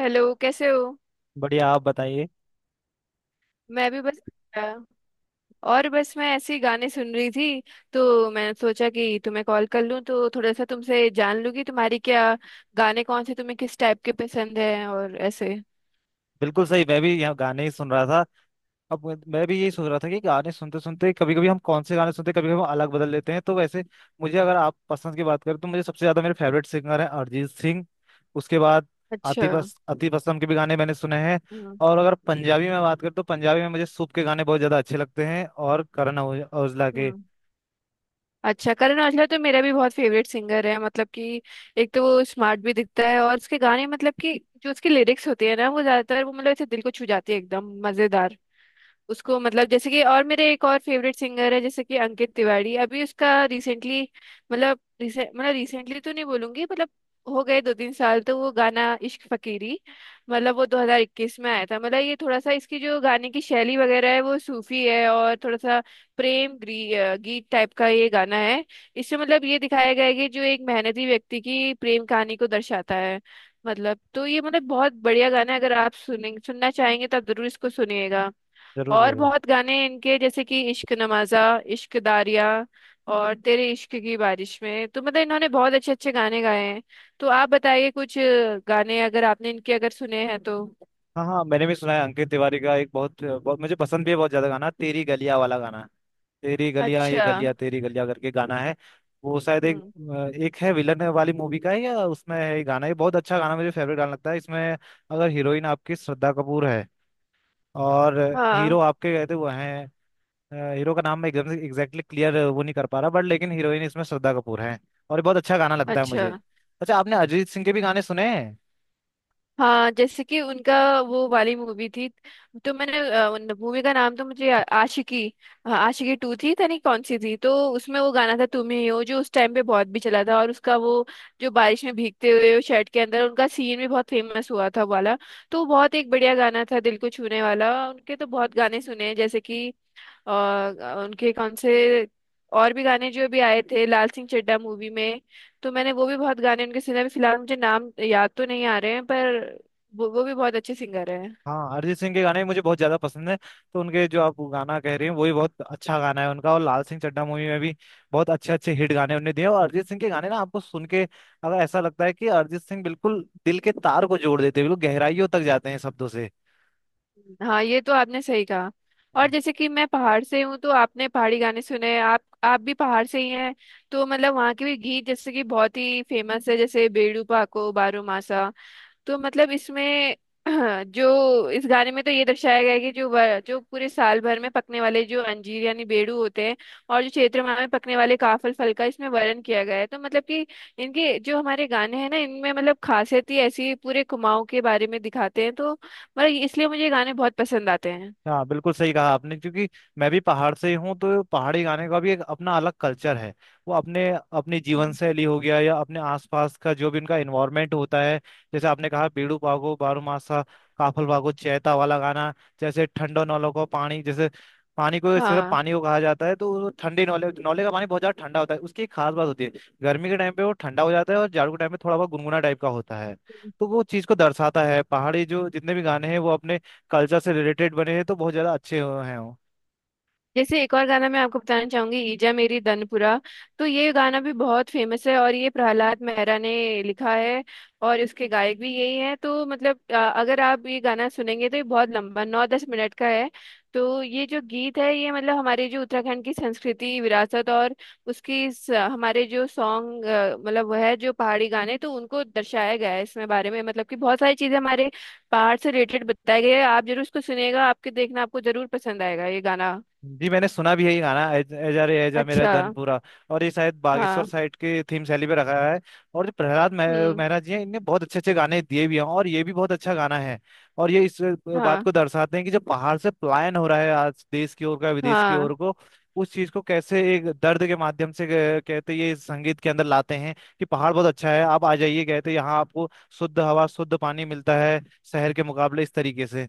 Hello, कैसे हो। बढ़िया आप बताइए। मैं भी बस। और बस मैं ऐसे ही गाने सुन रही थी। तो मैंने सोचा कि तुम्हें कॉल कर लूं, तो थोड़ा सा तुमसे जान लूं कि तुम्हारी क्या, गाने कौन से तुम्हें किस टाइप के पसंद हैं और ऐसे। बिल्कुल सही, मैं भी यहाँ गाने ही सुन रहा था। अब मैं भी यही सोच रहा था कि गाने सुनते सुनते कभी कभी हम कौन से गाने सुनते हैं, कभी कभी हम अलग बदल लेते हैं तो वैसे मुझे अगर आप पसंद की बात करें तो मुझे सबसे ज्यादा मेरे फेवरेट सिंगर है अरिजीत सिंह। उसके बाद अच्छा। आतिफ असलम के भी गाने मैंने सुने हैं। हम्म। और अगर पंजाबी में बात करें तो पंजाबी में मुझे सूप के गाने बहुत ज्यादा अच्छे लगते हैं और करण औजला के। हम्म। अच्छा, करण औजला तो मेरा भी बहुत फेवरेट सिंगर है, मतलब कि एक तो वो स्मार्ट भी दिखता है और उसके गाने, मतलब कि जो उसके लिरिक्स होते हैं ना, वो ज्यादातर वो मतलब ऐसे दिल को छू जाते हैं एकदम मजेदार। उसको मतलब जैसे कि, और मेरे एक और फेवरेट सिंगर है जैसे कि अंकित तिवारी। अभी उसका रिसेंटली, मतलब मतलब रिसेंटली तो नहीं बोलूंगी, मतलब हो गए दो तीन साल। तो वो गाना इश्क फकीरी, मतलब वो 2021 में आया था। मतलब ये थोड़ा सा, इसकी जो गाने की शैली वगैरह है वो सूफी है, और थोड़ा सा प्रेम गीत टाइप का ये गाना है। इससे मतलब ये दिखाया गया है कि जो एक मेहनती व्यक्ति की प्रेम कहानी को दर्शाता है। मतलब तो ये मतलब बहुत बढ़िया गाना है, अगर आप सुनेंगे, सुनना चाहेंगे तो आप जरूर इसको सुनिएगा। जरूर और जरूर। बहुत गाने इनके, जैसे कि इश्क नवाजा, इश्क दारिया, और तेरे इश्क की बारिश में। तो मतलब इन्होंने बहुत अच्छे अच्छे गाने गाए हैं। तो आप बताइए, कुछ गाने अगर आपने इनके अगर सुने हैं तो। हाँ हाँ, मैंने भी सुना है अंकित तिवारी का एक बहुत बहुत मुझे पसंद भी है बहुत ज्यादा गाना, तेरी गलियां वाला गाना। तेरी गलियां, ये अच्छा। गलियां तेरी गलियां करके गाना है। वो शायद एक हम्म। एक है विलन वाली मूवी का है, या उसमें है ये गाना। ये बहुत अच्छा गाना, मुझे फेवरेट गाना लगता है इसमें। अगर हीरोइन आपकी श्रद्धा कपूर है और हाँ। हीरो आपके कहते वो हैं। हीरो का नाम मैं एकदम से एग्जैक्टली क्लियर वो नहीं कर पा रहा बट लेकिन हीरोइन इसमें श्रद्धा कपूर है। और ये बहुत अच्छा गाना लगता है अच्छा। मुझे। अच्छा, आपने अरिजीत सिंह के भी गाने सुने हैं? हाँ, जैसे कि उनका वो वाली मूवी थी, तो मैंने उन मूवी का नाम तो मुझे आशिकी, हाँ, आशिकी टू थी, था नहीं कौन सी थी, तो उसमें वो गाना था तुम ही हो, जो उस टाइम पे बहुत भी चला था। और उसका वो, जो बारिश में भीगते हुए वो शर्ट के अंदर उनका सीन भी बहुत फेमस हुआ था, वो वाला। तो वो बहुत एक बढ़िया गाना था दिल को छूने वाला। उनके तो बहुत गाने सुने हैं जैसे कि, और उनके कौन से और भी गाने जो भी आए थे लाल सिंह चड्ढा मूवी में, तो मैंने वो भी बहुत गाने उनके सुने। अभी फिलहाल मुझे नाम याद तो नहीं आ रहे हैं, पर वो भी बहुत अच्छे सिंगर हैं। हाँ, अरिजीत सिंह के गाने मुझे बहुत ज्यादा पसंद है, तो उनके जो आप गाना कह रहे हैं वही बहुत अच्छा गाना है उनका। और लाल सिंह चड्ढा मूवी में भी बहुत अच्छे अच्छे हिट गाने उन्होंने दिए हैं। और अरिजीत सिंह के गाने ना आपको सुन के अगर ऐसा लगता है कि अरिजीत सिंह बिल्कुल दिल के तार को जोड़ देते हैं, बिल्कुल गहराइयों तक जाते हैं शब्दों से। हाँ, ये तो आपने सही कहा। और जैसे कि मैं पहाड़ से हूँ, तो आपने पहाड़ी गाने सुने, आप भी पहाड़ से ही हैं। तो मतलब वहाँ के भी गीत जैसे कि बहुत ही फेमस है, जैसे बेड़ू पाको बारो मासा। तो मतलब इसमें जो इस गाने में तो ये दर्शाया गया है कि जो जो पूरे साल भर में पकने वाले जो अंजीर यानी बेड़ू होते हैं, और जो चैत्र माह में पकने वाले काफल फल का इसमें वर्णन किया गया है। तो मतलब कि इनके जो हमारे गाने हैं ना, इनमें मतलब खासियत ही ऐसी, पूरे कुमाऊं के बारे में दिखाते हैं, तो मतलब इसलिए मुझे ये गाने बहुत पसंद आते हैं। हाँ बिल्कुल सही कहा आपने, क्योंकि मैं भी पहाड़ से ही हूँ तो पहाड़ी गाने का भी एक अपना अलग कल्चर है। वो अपने अपनी जीवन हम्म। शैली हो गया, या अपने आसपास का जो भी उनका इन्वायरमेंट होता है। जैसे आपने कहा बीड़ू पागो बारूमासा, काफल बागो चैता वाला गाना। जैसे ठंडो नौलों को पानी, जैसे पानी को सिर्फ हाँ, पानी को कहा जाता है, तो वो ठंडे नौले नौले का पानी बहुत ज्यादा ठंडा होता है, उसकी एक खास बात होती है। गर्मी के टाइम पे वो ठंडा हो जाता है और जाड़ों के टाइम पे थोड़ा बहुत गुनगुना टाइप का होता है। तो वो चीज को दर्शाता है, पहाड़ी जो जितने भी गाने हैं वो अपने कल्चर से रिलेटेड बने हैं, तो बहुत ज़्यादा अच्छे हुए हैं वो। जैसे एक और गाना मैं आपको बताना चाहूंगी, ईजा मेरी दनपुरा। तो ये गाना भी बहुत फेमस है, और ये प्रहलाद मेहरा ने लिखा है, और इसके गायक भी यही हैं। तो मतलब अगर आप ये गाना सुनेंगे तो ये बहुत लंबा, नौ दस मिनट का है। तो ये जो गीत है, ये मतलब हमारे जो उत्तराखंड की संस्कृति, विरासत और उसकी स, हमारे जो सॉन्ग मतलब वह है जो पहाड़ी गाने, तो उनको दर्शाया गया है इसमें बारे में, मतलब कि बहुत सारी चीजें हमारे पहाड़ से रिलेटेड बताई गई है। आप जरूर इसको सुनिएगा, आपके देखना आपको जरूर पसंद आएगा ये गाना। जी, मैंने सुना भी है ये गाना, एजा रे एजा मेरा अच्छा। धनपुरा। और ये शायद बागेश्वर हाँ। साइड के थीम शैली पे रखा है। और जो प्रहलाद हम्म। मेहरा जी हैं, इनने बहुत अच्छे अच्छे गाने दिए भी हैं और ये भी बहुत अच्छा गाना है। और ये इस बात हाँ। को दर्शाते हैं कि जब पहाड़ से पलायन हो रहा है आज देश की ओर का, विदेश की हाँ। ओर को, उस चीज को कैसे एक दर्द के माध्यम से कहते ये इस संगीत के अंदर लाते हैं, कि पहाड़ बहुत अच्छा है, आप आ जाइए कहते, यहाँ आपको शुद्ध हवा शुद्ध पानी मिलता है शहर के मुकाबले इस तरीके से।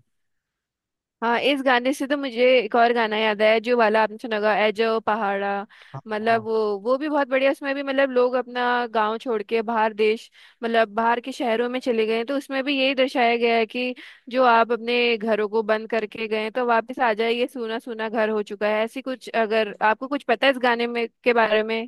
हाँ, इस गाने से तो मुझे एक और गाना याद आया, जो वाला आपने सुना होगा एजो पहाड़ा। मतलब हाँ वो भी बहुत बढ़िया, उसमें भी मतलब लोग अपना गांव छोड़ के बाहर देश, मतलब बाहर के शहरों में चले गए हैं, तो उसमें भी यही दर्शाया गया है कि जो आप अपने घरों को बंद करके गए हैं, तो वापस आ जाइए, सूना सूना घर हो चुका है। ऐसी कुछ अगर आपको कुछ पता है इस गाने में के बारे में।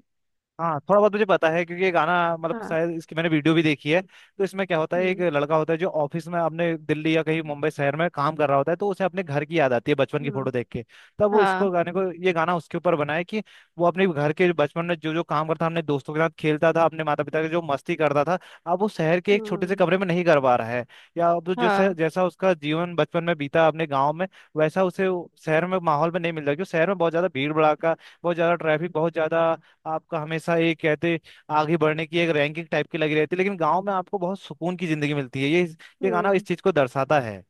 हाँ, थोड़ा बहुत मुझे पता है क्योंकि ये गाना, मतलब हाँ। शायद इसकी मैंने वीडियो भी देखी है। तो इसमें क्या होता है, एक हम्म। लड़का होता है जो ऑफिस में अपने दिल्ली या कहीं मुंबई शहर में काम कर रहा होता है, तो उसे अपने घर की याद आती है बचपन की हम्म। फोटो देख के। तब वो इसको हाँ। गाने को, ये गाना उसके ऊपर बना है कि वो अपने घर के बचपन में जो जो काम करता था, अपने दोस्तों के साथ खेलता था, अपने माता पिता के जो मस्ती करता था, अब वो शहर के एक छोटे से हम्म। कमरे में नहीं कर पा रहा है। या अब जो हाँ। जैसा उसका जीवन बचपन में बीता अपने गाँव में, वैसा उसे वो शहर में, माहौल में नहीं मिल रहा, क्योंकि शहर में बहुत ज्यादा भीड़ भड़ाका, बहुत ज्यादा ट्रैफिक, बहुत ज्यादा आपका हमेशा ये कहते आगे बढ़ने की एक रैंकिंग टाइप की लगी रहती है, लेकिन गाँव में आपको बहुत सुकून की जिंदगी मिलती है, ये गाना इस हम्म। चीज को दर्शाता है।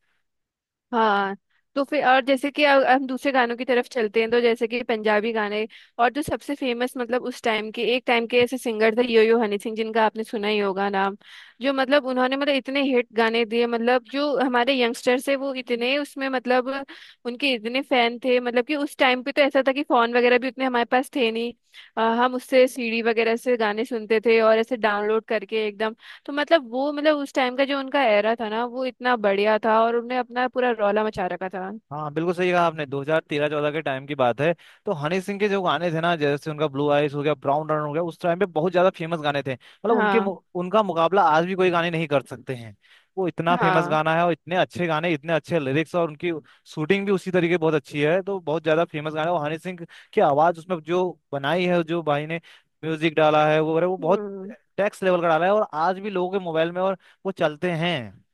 हाँ, तो फिर और जैसे कि हम दूसरे गानों की तरफ चलते हैं, तो जैसे कि पंजाबी गाने, और जो सबसे फेमस मतलब उस टाइम के, एक टाइम के ऐसे सिंगर थे यो यो हनी सिंह, जिनका आपने सुना ही होगा नाम। जो मतलब उन्होंने मतलब इतने हिट गाने दिए, मतलब जो हमारे यंगस्टर्स है वो इतने उसमें मतलब उनके इतने फैन थे, मतलब कि उस टाइम पे तो ऐसा था कि फोन वगैरह भी उतने हमारे पास थे नहीं। हम उससे सीडी वगैरह से गाने सुनते थे, और ऐसे डाउनलोड करके एकदम। तो मतलब वो मतलब उस टाइम का जो उनका एरा था ना, वो इतना बढ़िया था और उन्होंने अपना पूरा रौला मचा रखा था। हाँ बिल्कुल सही कहा आपने, 2013-14 के टाइम की बात है। तो हनी सिंह के जो गाने थे ना, जैसे उनका ब्लू आइज हो गया, ब्राउन रन हो गया, उस टाइम पे बहुत ज्यादा फेमस गाने थे, मतलब उनके हाँ। उनका मुकाबला आज भी कोई गाने नहीं कर सकते हैं। वो इतना फेमस हाँ। गाना है, और इतने अच्छे गाने, इतने अच्छे लिरिक्स, और उनकी शूटिंग भी उसी तरीके बहुत अच्छी है, तो बहुत ज्यादा फेमस गाना है। और हनी सिंह की आवाज उसमें जो बनाई है, जो भाई ने म्यूजिक डाला है, वो बहुत हम्म। टैक्स लेवल का डाला है, और आज भी लोगों के मोबाइल में और वो चलते हैं।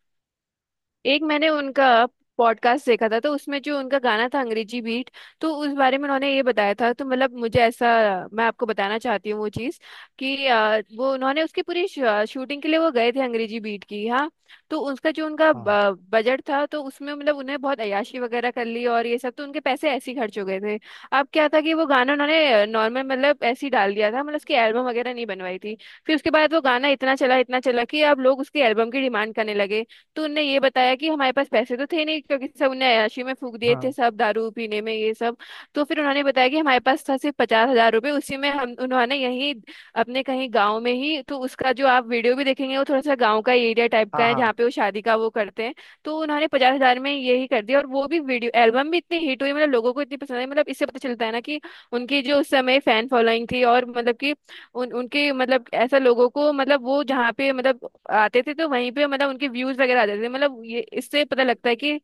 एक मैंने उनका पॉडकास्ट देखा था, तो उसमें जो उनका गाना था अंग्रेजी बीट, तो उस बारे में उन्होंने ये बताया था। तो मतलब मुझे ऐसा, मैं आपको बताना चाहती हूँ वो चीज़, कि वो उन्होंने उसकी पूरी शूटिंग के लिए वो गए थे अंग्रेजी बीट की। हाँ, तो उसका जो उनका हाँ बजट था, तो उसमें मतलब उन्हें बहुत अय्याशी वगैरह कर ली और ये सब, तो उनके पैसे ऐसे ही खर्च हो गए थे। अब क्या था कि वो गाना उन्होंने नॉर्मल मतलब ऐसे ही डाल दिया था, मतलब उसकी एल्बम वगैरह नहीं बनवाई थी। फिर उसके बाद वो गाना इतना चला कि अब लोग उसकी एल्बम की डिमांड करने लगे। तो उनने ये बताया कि हमारे पास पैसे तो थे नहीं, क्योंकि सब ने अय्याशी में फूक दिए थे, हाँ सब दारू पीने में ये सब। तो फिर उन्होंने बताया कि हमारे पास था सिर्फ पचास हजार रुपये, उसी में हम उन्होंने यहीं अपने कहीं गाँव में ही, तो उसका जो आप वीडियो भी देखेंगे, वो थोड़ा सा गाँव का एरिया टाइप का हाँ है, हाँ। जहाँ पे वो शादी का वो करते हैं। तो उन्होंने पचास हजार में यही कर दिया, और वो भी वीडियो एल्बम भी इतनी हिट हुई, मतलब लोगों को इतनी पसंद आई। मतलब इससे पता चलता है ना कि उनकी जो उस समय फैन फॉलोइंग थी, और मतलब कि उन उनके मतलब ऐसा लोगों को मतलब वो जहाँ पे मतलब आते थे, तो वहीं पे मतलब उनके व्यूज वगैरह आते थे। मतलब ये इससे पता लगता है कि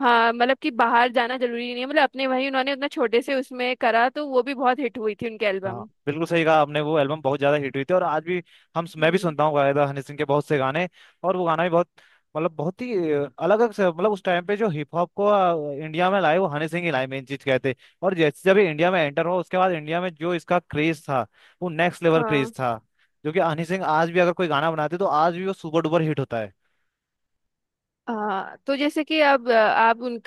हाँ, मतलब कि बाहर जाना जरूरी नहीं है, मतलब अपने वहीं उन्होंने उतना छोटे से उसमें करा, तो वो भी बहुत हिट हुई थी उनके हाँ एल्बम। बिल्कुल सही कहा आपने, वो एल्बम बहुत ज्यादा हिट हुई थी, और आज भी हम, मैं भी हम्म। सुनता हूँ गायदा हनी सिंह के बहुत से गाने। और वो गाना भी बहुत, मतलब बहुत ही अलग अलग मतलब उस टाइम पे जो हिप हॉप को इंडिया में लाए, वो हनी सिंह ही लाए मेन चीज कहते। और जैसे जब ये इंडिया में एंटर हुआ, उसके बाद इंडिया में जो इसका क्रेज था, वो नेक्स्ट लेवल हाँ। क्रेज था, जो कि हनी सिंह आज भी अगर कोई गाना बनाते तो आज भी वो सुपर डुपर हिट होता है। हाँ, तो जैसे कि अब आप उन,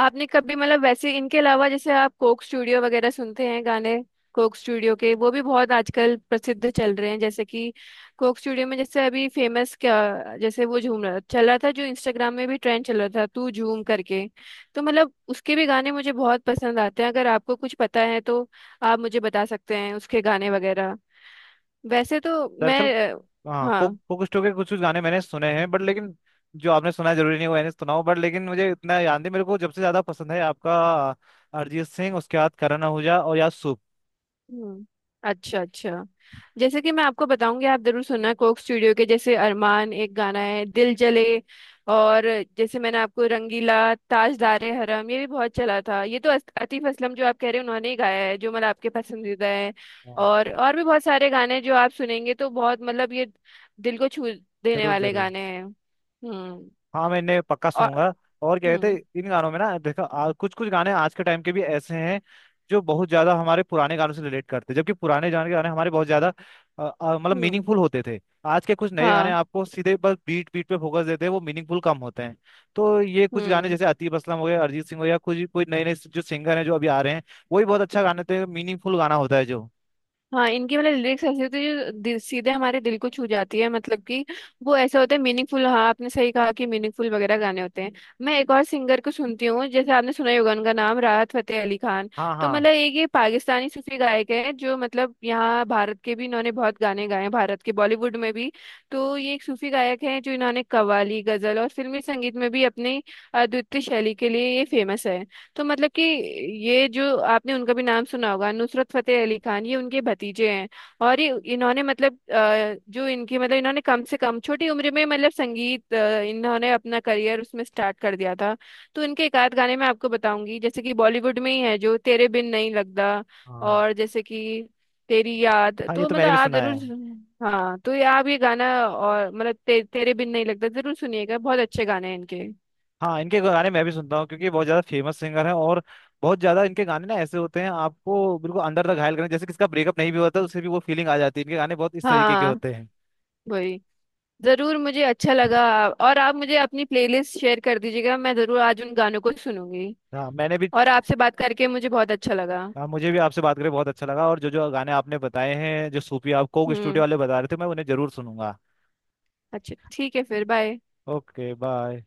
आपने कभी मतलब वैसे इनके अलावा जैसे आप कोक स्टूडियो वगैरह सुनते हैं गाने। कोक स्टूडियो के वो भी बहुत आजकल प्रसिद्ध चल रहे हैं, जैसे कि कोक स्टूडियो में जैसे अभी फेमस क्या, जैसे वो झूम रहा चल रहा था, जो इंस्टाग्राम में भी ट्रेंड चल रहा था तू झूम करके। तो मतलब उसके भी गाने मुझे बहुत पसंद आते हैं। अगर आपको कुछ पता है तो आप मुझे बता सकते हैं उसके गाने वगैरह। वैसे तो दरअसल, मैं हाँ, कोक हाँ। कोक स्टू के कुछ कुछ गाने मैंने सुने हैं बट लेकिन जो आपने सुना है जरूरी नहीं वो मैंने सुना हो, बट लेकिन मुझे इतना याद नहीं, मेरे को जब से ज्यादा पसंद है आपका अरिजीत सिंह, उसके बाद करण आहूजा और याद सूप। हम्म। अच्छा, अच्छा। जैसे कि मैं आपको बताऊंगी, आप जरूर सुनना कोक स्टूडियो के, जैसे अरमान एक गाना है दिल जले, और जैसे मैंने आपको रंगीला, ताजदारे हरम ये भी बहुत चला था। ये तो आतिफ असलम जो आप कह रहे हैं, उन्होंने ही गाया है, जो मतलब आपके पसंदीदा है। हाँ, और भी बहुत सारे गाने हैं जो आप सुनेंगे तो बहुत मतलब ये दिल को छू देने जरूर वाले जरूर। गाने हैं। हम्म। हाँ, मैं इन्हें पक्का और। सुनूंगा। और क्या कहते हम्म। हैं, इन गानों में ना, देखो कुछ कुछ गाने आज के टाइम के भी ऐसे हैं जो बहुत ज्यादा हमारे पुराने गानों से रिलेट करते हैं, जबकि पुराने गाने, के गाने हमारे बहुत ज्यादा मतलब हम्म। मीनिंगफुल होते थे। आज के कुछ नए गाने हाँ। आपको सीधे बस बीट बीट पे फोकस देते हैं, वो मीनिंगफुल कम होते हैं। तो ये कुछ गाने, हम्म। जैसे आतिफ असलम हो गए, अरिजीत सिंह हो गया, कुछ कोई नए नए जो सिंगर हैं जो अभी आ रहे हैं, वही बहुत अच्छा गाने थे, मीनिंगफुल गाना होता है जो। हाँ, इनकी मतलब लिरिक्स ऐसी होती है जो दिल, सीधे हमारे दिल को छू जाती है, मतलब कि वो ऐसे होते हैं मीनिंगफुल। हाँ, आपने सही कहा कि मीनिंगफुल वगैरह गाने होते हैं। मैं एक और सिंगर को सुनती हूँ, जैसे आपने सुना ही होगा उनका नाम राहत फतेह अली खान। हाँ तो हाँ मतलब एक ये पाकिस्तानी सूफी गायक है, जो मतलब यहाँ भारत के भी इन्होंने बहुत गाने गाए हैं, भारत के बॉलीवुड में भी। तो ये एक सूफी गायक है, जो इन्होंने कव्वाली, गजल और फिल्मी संगीत में भी अपनी अद्वितीय शैली के लिए ये फेमस है। तो मतलब कि ये जो आपने उनका भी नाम सुना होगा नुसरत फतेह अली खान, ये उनके भतीजे हैं। और ये इन्होंने मतलब जो इनकी मतलब इन्होंने कम से कम छोटी उम्र में मतलब संगीत इन्होंने अपना करियर उसमें स्टार्ट कर दिया था। तो इनके एक आध गाने मैं आपको बताऊंगी, जैसे कि बॉलीवुड में ही है जो तेरे बिन नहीं लगदा, हाँ और जैसे कि तेरी याद, हाँ, ये तो तो मतलब मैंने भी आप सुना जरूर। है। हाँ, तो ये आप ये गाना और मतलब तेरे बिन नहीं लगदा जरूर सुनिएगा, बहुत अच्छे गाने हैं इनके। हाँ, इनके गाने मैं भी सुनता हूँ क्योंकि ये बहुत ज्यादा फेमस सिंगर हैं, और बहुत ज्यादा इनके गाने ना ऐसे होते हैं, आपको बिल्कुल अंदर तक घायल करें, जैसे किसका ब्रेकअप नहीं भी होता उससे भी वो फीलिंग आ जाती है, इनके गाने बहुत इस तरीके के हाँ। होते हैं। वही। जरूर, मुझे अच्छा लगा। और आप मुझे अपनी प्लेलिस्ट शेयर कर दीजिएगा, मैं जरूर आज उन गानों को सुनूंगी। हाँ, मैंने भी। और आपसे बात करके मुझे बहुत अच्छा लगा। हाँ, मुझे भी आपसे बात करके बहुत अच्छा लगा, और जो जो गाने आपने बताए हैं, जो सूफी, आप कोक स्टूडियो हम्म। वाले बता रहे थे, मैं उन्हें जरूर सुनूंगा। अच्छा, ठीक है, फिर बाय। Okay, bye.